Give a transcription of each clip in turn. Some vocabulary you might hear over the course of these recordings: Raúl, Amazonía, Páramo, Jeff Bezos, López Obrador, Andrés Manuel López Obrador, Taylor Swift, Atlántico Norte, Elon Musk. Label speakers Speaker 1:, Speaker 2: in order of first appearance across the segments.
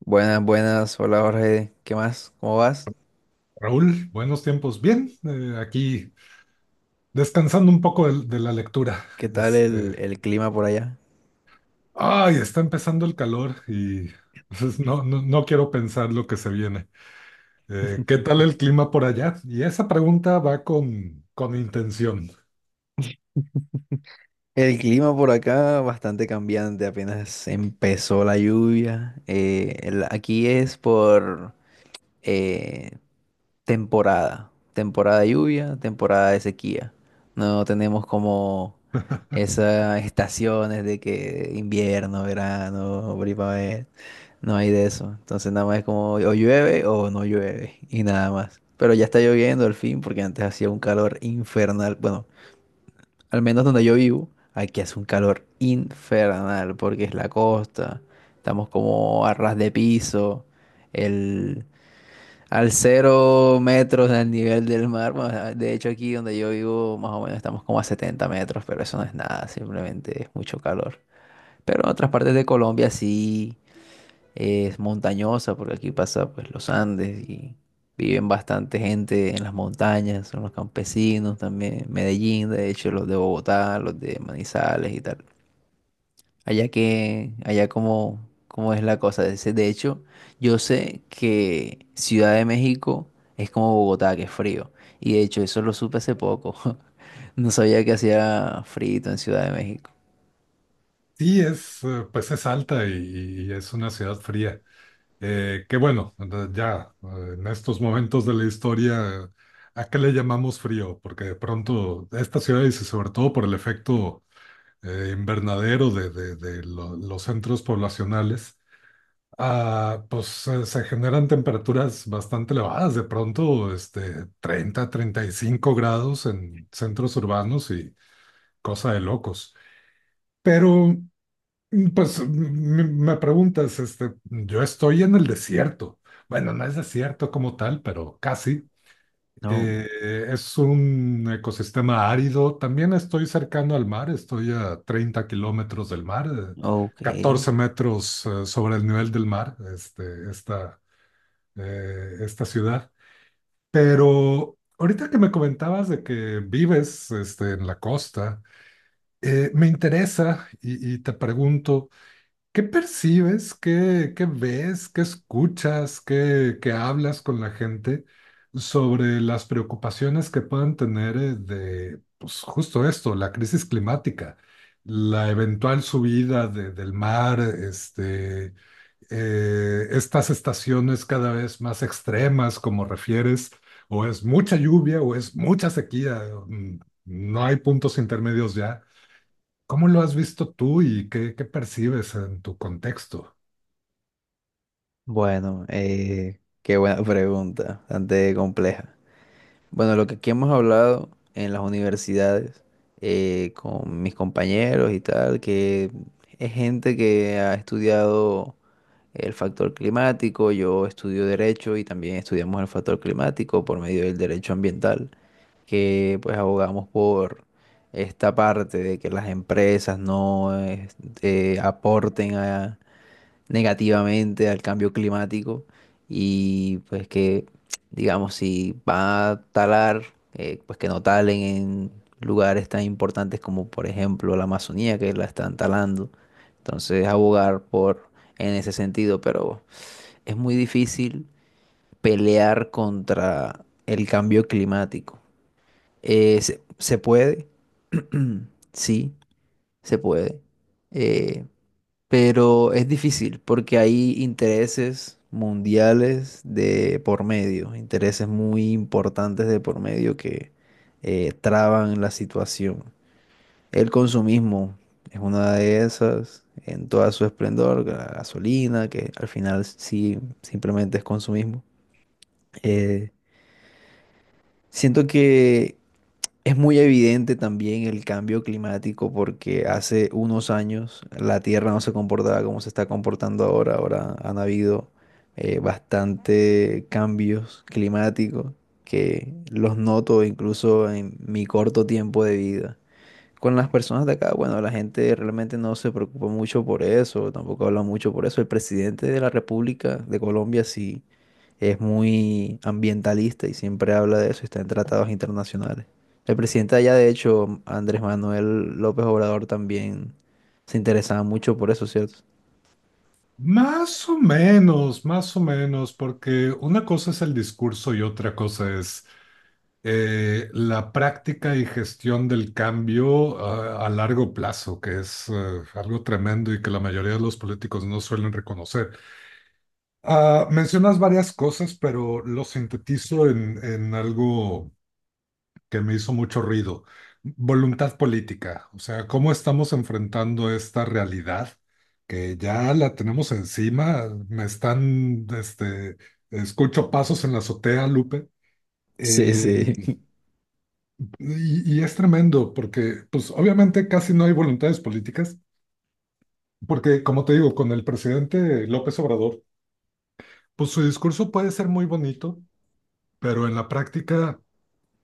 Speaker 1: Buenas, buenas. Hola Jorge. ¿Qué más? ¿Cómo vas?
Speaker 2: Raúl, buenos tiempos. Bien, aquí descansando un poco de la lectura.
Speaker 1: ¿Qué tal el,
Speaker 2: Este,
Speaker 1: el clima por allá?
Speaker 2: ay, está empezando el calor y pues, no, no, no quiero pensar lo que se viene. ¿Qué tal el clima por allá? Y esa pregunta va con intención.
Speaker 1: El clima por acá bastante cambiante. Apenas empezó la lluvia. Aquí es por... eh, temporada, temporada de lluvia, temporada de sequía. No tenemos como esas estaciones de que invierno, verano, primavera, no hay de eso. Entonces nada más es como o llueve o no llueve y nada más. Pero ya está lloviendo al fin porque antes hacía un calor infernal. Bueno, al menos donde yo vivo, aquí hace un calor infernal porque es la costa, estamos como a ras de piso. El, Al cero metros del nivel del mar. Bueno, de hecho, aquí donde yo vivo, más o menos estamos como a 70 metros, pero eso no es nada, simplemente es mucho calor. Pero en otras partes de Colombia sí es montañosa, porque aquí pasa pues los Andes y viven bastante gente en las montañas, son los campesinos también, Medellín, de hecho, los de Bogotá, los de Manizales y tal. Allá que, allá como, como es la cosa. De hecho, yo sé que Ciudad de México es como Bogotá, que es frío. Y de hecho, eso lo supe hace poco. No sabía que hacía frío en Ciudad de México.
Speaker 2: Sí, pues es alta y es una ciudad fría. Que bueno, ya en estos momentos de la historia, ¿a qué le llamamos frío? Porque de pronto esta ciudad, y sobre todo por el efecto invernadero de los centros poblacionales, pues se generan temperaturas bastante elevadas, de pronto 35 grados en centros urbanos y cosa de locos. Pero, pues me preguntas, yo estoy en el desierto. Bueno, no es desierto como tal, pero casi.
Speaker 1: No.
Speaker 2: Es un ecosistema árido. También estoy cercano al mar, estoy a 30 kilómetros del mar,
Speaker 1: Ok.
Speaker 2: 14 metros sobre el nivel del mar, esta ciudad. Pero ahorita que me comentabas de que vives en la costa, me interesa y te pregunto. ¿Qué percibes? ¿Qué ves? ¿Qué escuchas? ¿Qué hablas con la gente sobre las preocupaciones que puedan tener pues justo esto, la crisis climática, la eventual subida del mar, estas estaciones cada vez más extremas, como refieres, o es mucha lluvia o es mucha sequía, mm, no hay puntos intermedios ya? ¿Cómo lo has visto tú y qué percibes en tu contexto?
Speaker 1: Bueno, qué buena pregunta, bastante compleja. Bueno, lo que aquí hemos hablado en las universidades, con mis compañeros y tal, que es gente que ha estudiado el factor climático, yo estudio derecho y también estudiamos el factor climático por medio del derecho ambiental, que pues abogamos por esta parte de que las empresas no este, aporten a, negativamente al cambio climático y pues que, digamos, si va a talar, pues que no talen en lugares tan importantes como por ejemplo la Amazonía que la están talando. Entonces abogar por en ese sentido, pero es muy difícil pelear contra el cambio climático. Se puede, sí, se puede. Eh, pero es difícil porque hay intereses mundiales de por medio, intereses muy importantes de por medio que traban la situación. El consumismo es una de esas, en toda su esplendor, la gasolina, que al final sí simplemente es consumismo. Eh, siento que es muy evidente también el cambio climático porque hace unos años la Tierra no se comportaba como se está comportando ahora. Ahora han habido bastante cambios climáticos que los noto incluso en mi corto tiempo de vida con las personas de acá. Bueno, la gente realmente no se preocupa mucho por eso, tampoco habla mucho por eso. El presidente de la República de Colombia sí es muy ambientalista y siempre habla de eso, está en tratados internacionales. El presidente de allá, de hecho, Andrés Manuel López Obrador también se interesaba mucho por eso, ¿cierto?
Speaker 2: Más o menos, porque una cosa es el discurso y otra cosa es la práctica y gestión del cambio a largo plazo, que es algo tremendo y que la mayoría de los políticos no suelen reconocer. Mencionas varias cosas, pero lo sintetizo en algo que me hizo mucho ruido. Voluntad política, o sea, cómo estamos enfrentando esta realidad que ya la tenemos encima. Escucho pasos en la azotea, Lupe.
Speaker 1: Sí,
Speaker 2: Eh,
Speaker 1: sí.
Speaker 2: y es tremendo porque, pues, obviamente casi no hay voluntades políticas, porque, como te digo, con el presidente López Obrador, pues su discurso puede ser muy bonito, pero en la práctica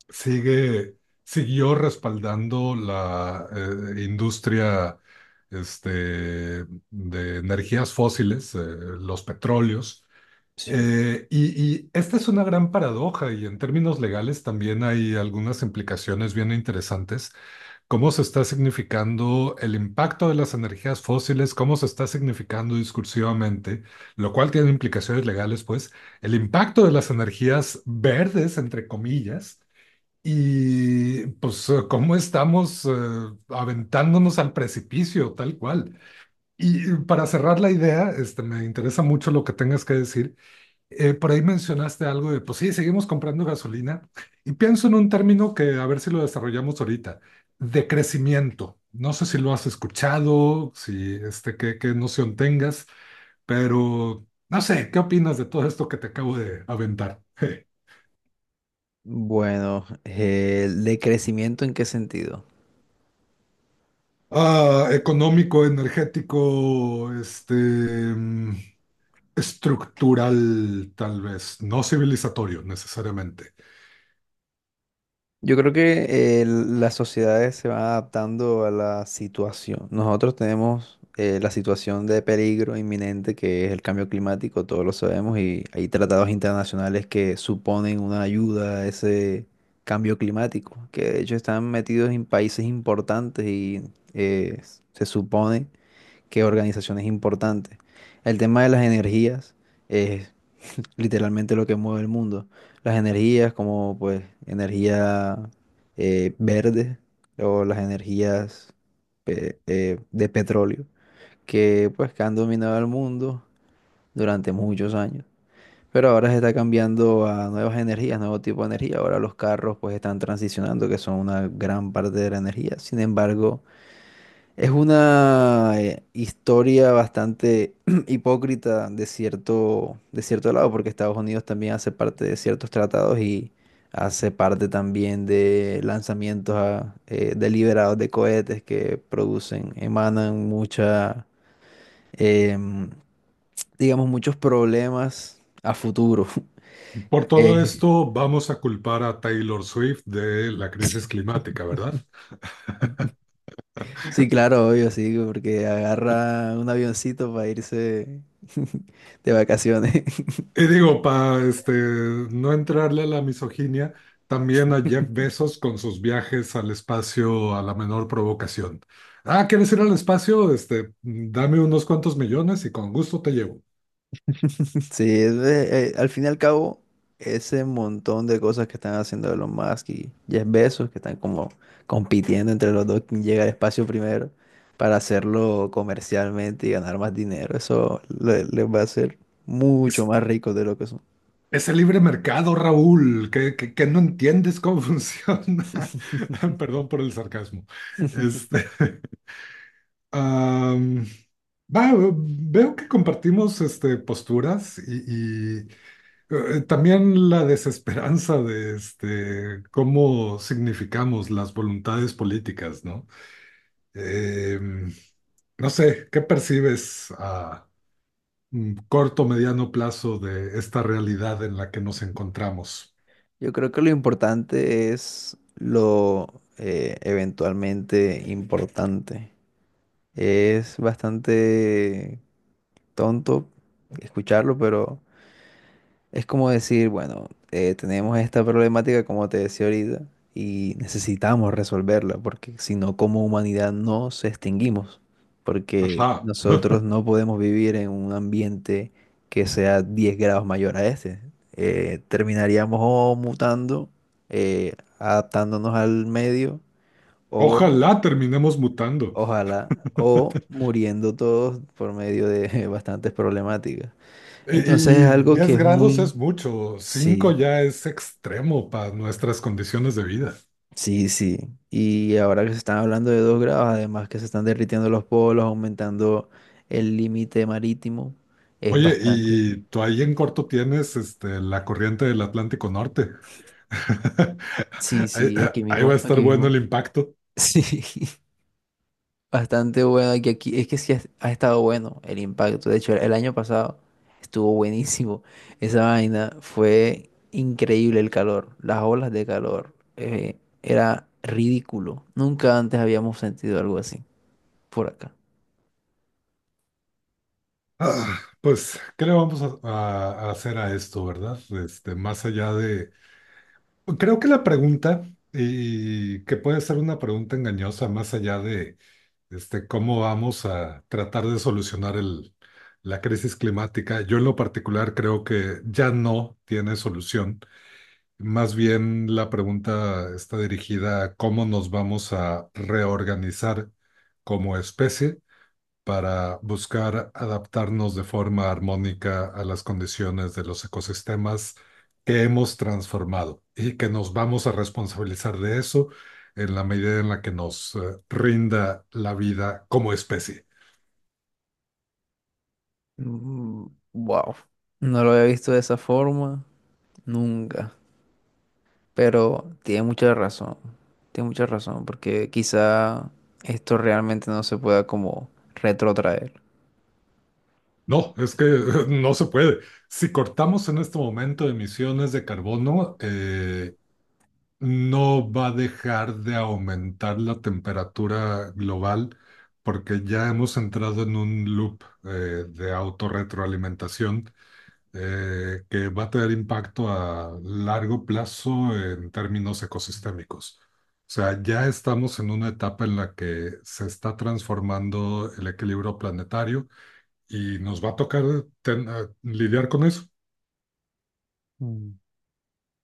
Speaker 2: sigue, siguió respaldando la industria de energías fósiles, los petróleos.
Speaker 1: Sí.
Speaker 2: Y esta es una gran paradoja y en términos legales también hay algunas implicaciones bien interesantes. ¿Cómo se está significando el impacto de las energías fósiles? ¿Cómo se está significando discursivamente? Lo cual tiene implicaciones legales, pues, el impacto de las energías verdes, entre comillas, y pues cómo estamos aventándonos al precipicio, tal cual. Y para cerrar la idea, me interesa mucho lo que tengas que decir. Por ahí mencionaste algo de, pues sí, seguimos comprando gasolina. Y pienso en un término que a ver si lo desarrollamos ahorita, de crecimiento. No sé si lo has escuchado, si qué noción tengas, pero no sé, ¿qué opinas de todo esto que te acabo de aventar?
Speaker 1: Bueno, ¿de crecimiento en qué sentido?
Speaker 2: Económico, energético, estructural, tal vez, no civilizatorio necesariamente.
Speaker 1: Yo creo que las sociedades se van adaptando a la situación. Nosotros tenemos la situación de peligro inminente que es el cambio climático, todos lo sabemos, y hay tratados internacionales que suponen una ayuda a ese cambio climático, que de hecho están metidos en países importantes y eh, se supone que organizaciones importantes. El tema de las energías literalmente lo que mueve el mundo. Las energías como pues energía verde o las energías de petróleo que pues que han dominado el mundo durante muchos años. Pero ahora se está cambiando a nuevas energías, nuevo tipo de energía. Ahora los carros pues están transicionando, que son una gran parte de la energía. Sin embargo, es una historia bastante hipócrita de cierto lado, porque Estados Unidos también hace parte de ciertos tratados y hace parte también de lanzamientos deliberados de cohetes que producen, emanan mucha, em, digamos, muchos problemas a futuro.
Speaker 2: Por todo
Speaker 1: Eh,
Speaker 2: esto, vamos a culpar a Taylor Swift de la crisis climática, ¿verdad?
Speaker 1: sí, claro, obvio, sí, porque agarra un avioncito para irse de vacaciones.
Speaker 2: Y digo, para no entrarle a la misoginia, también a Jeff Bezos con sus viajes al espacio a la menor provocación. Ah, ¿quieres ir al espacio? Dame unos cuantos millones y con gusto te llevo.
Speaker 1: Sí, al fin y al cabo, ese montón de cosas que están haciendo Elon Musk y Jeff Bezos, que están como compitiendo entre los dos quién llega al espacio primero para hacerlo comercialmente y ganar más dinero, les va a hacer
Speaker 2: Es,
Speaker 1: mucho más ricos de lo que son.
Speaker 2: es el libre mercado, Raúl, que no entiendes cómo funciona. Perdón por el sarcasmo. Este, Am, va, veo que compartimos posturas y, también la desesperanza de cómo significamos las voluntades políticas, ¿no? Em, no sé, ¿qué percibes a corto, mediano plazo de esta realidad en la que nos encontramos?
Speaker 1: Yo creo que lo importante es lo eventualmente importante. Es bastante tonto escucharlo, pero... Es como decir, bueno, tenemos esta problemática, como te decía ahorita, y necesitamos resolverla, porque si no, como humanidad no nos extinguimos, porque
Speaker 2: Ajá.
Speaker 1: nosotros no podemos vivir en un ambiente que sea 10 grados mayor a este. Terminaríamos o mutando, adaptándonos al medio, o
Speaker 2: Ojalá terminemos mutando.
Speaker 1: ojalá, o muriendo todos por medio de bastantes problemáticas.
Speaker 2: Y,
Speaker 1: Entonces es
Speaker 2: y
Speaker 1: algo que
Speaker 2: 10
Speaker 1: es
Speaker 2: grados
Speaker 1: muy...
Speaker 2: es mucho, cinco
Speaker 1: Sí,
Speaker 2: ya es extremo para nuestras condiciones de vida.
Speaker 1: sí, sí. Y ahora que se están hablando de 2 grados, además que se están derritiendo los polos, aumentando el límite marítimo, es
Speaker 2: Oye,
Speaker 1: bastante.
Speaker 2: y tú ahí en corto tienes la corriente del Atlántico Norte.
Speaker 1: Sí,
Speaker 2: Ahí,
Speaker 1: sí, aquí
Speaker 2: ahí va a
Speaker 1: mismo,
Speaker 2: estar
Speaker 1: aquí
Speaker 2: bueno
Speaker 1: mismo.
Speaker 2: el impacto.
Speaker 1: Sí, bastante bueno aquí, aquí. Es que sí ha, ha estado bueno el impacto. De hecho, el año pasado estuvo buenísimo. Esa vaina fue increíble el calor, las olas de calor. Era ridículo. Nunca antes habíamos sentido algo así por acá.
Speaker 2: Pues, ¿qué le vamos a hacer a esto, verdad? Más allá de. Creo que la pregunta, y que puede ser una pregunta engañosa, más allá de cómo vamos a tratar de solucionar la crisis climática. Yo en lo particular creo que ya no tiene solución. Más bien la pregunta está dirigida a cómo nos vamos a reorganizar como especie para buscar adaptarnos de forma armónica a las condiciones de los ecosistemas que hemos transformado y que nos vamos a responsabilizar de eso en la medida en la que nos rinda la vida como especie.
Speaker 1: Wow. No lo había visto de esa forma nunca. Pero tiene mucha razón. Tiene mucha razón. Porque quizá esto realmente no se pueda como retrotraer.
Speaker 2: No, es que no se puede. Si cortamos en este momento emisiones de carbono, no va a dejar de aumentar la temperatura global porque ya hemos entrado en un loop de autorretroalimentación que va a tener impacto a largo plazo en términos ecosistémicos. O sea, ya estamos en una etapa en la que se está transformando el equilibrio planetario y nos va a tocar a lidiar con eso.
Speaker 1: Mm.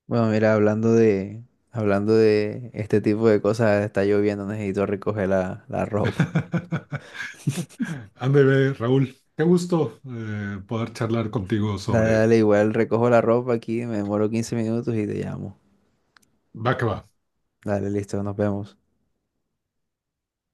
Speaker 1: Bueno, mira, hablando de este tipo de cosas, está lloviendo, necesito recoger la ropa.
Speaker 2: Ándale, Raúl, qué gusto poder charlar contigo
Speaker 1: Dale,
Speaker 2: sobre
Speaker 1: dale, igual recojo la ropa aquí, me demoro 15 minutos y te llamo.
Speaker 2: va que va.
Speaker 1: Dale, listo, nos vemos.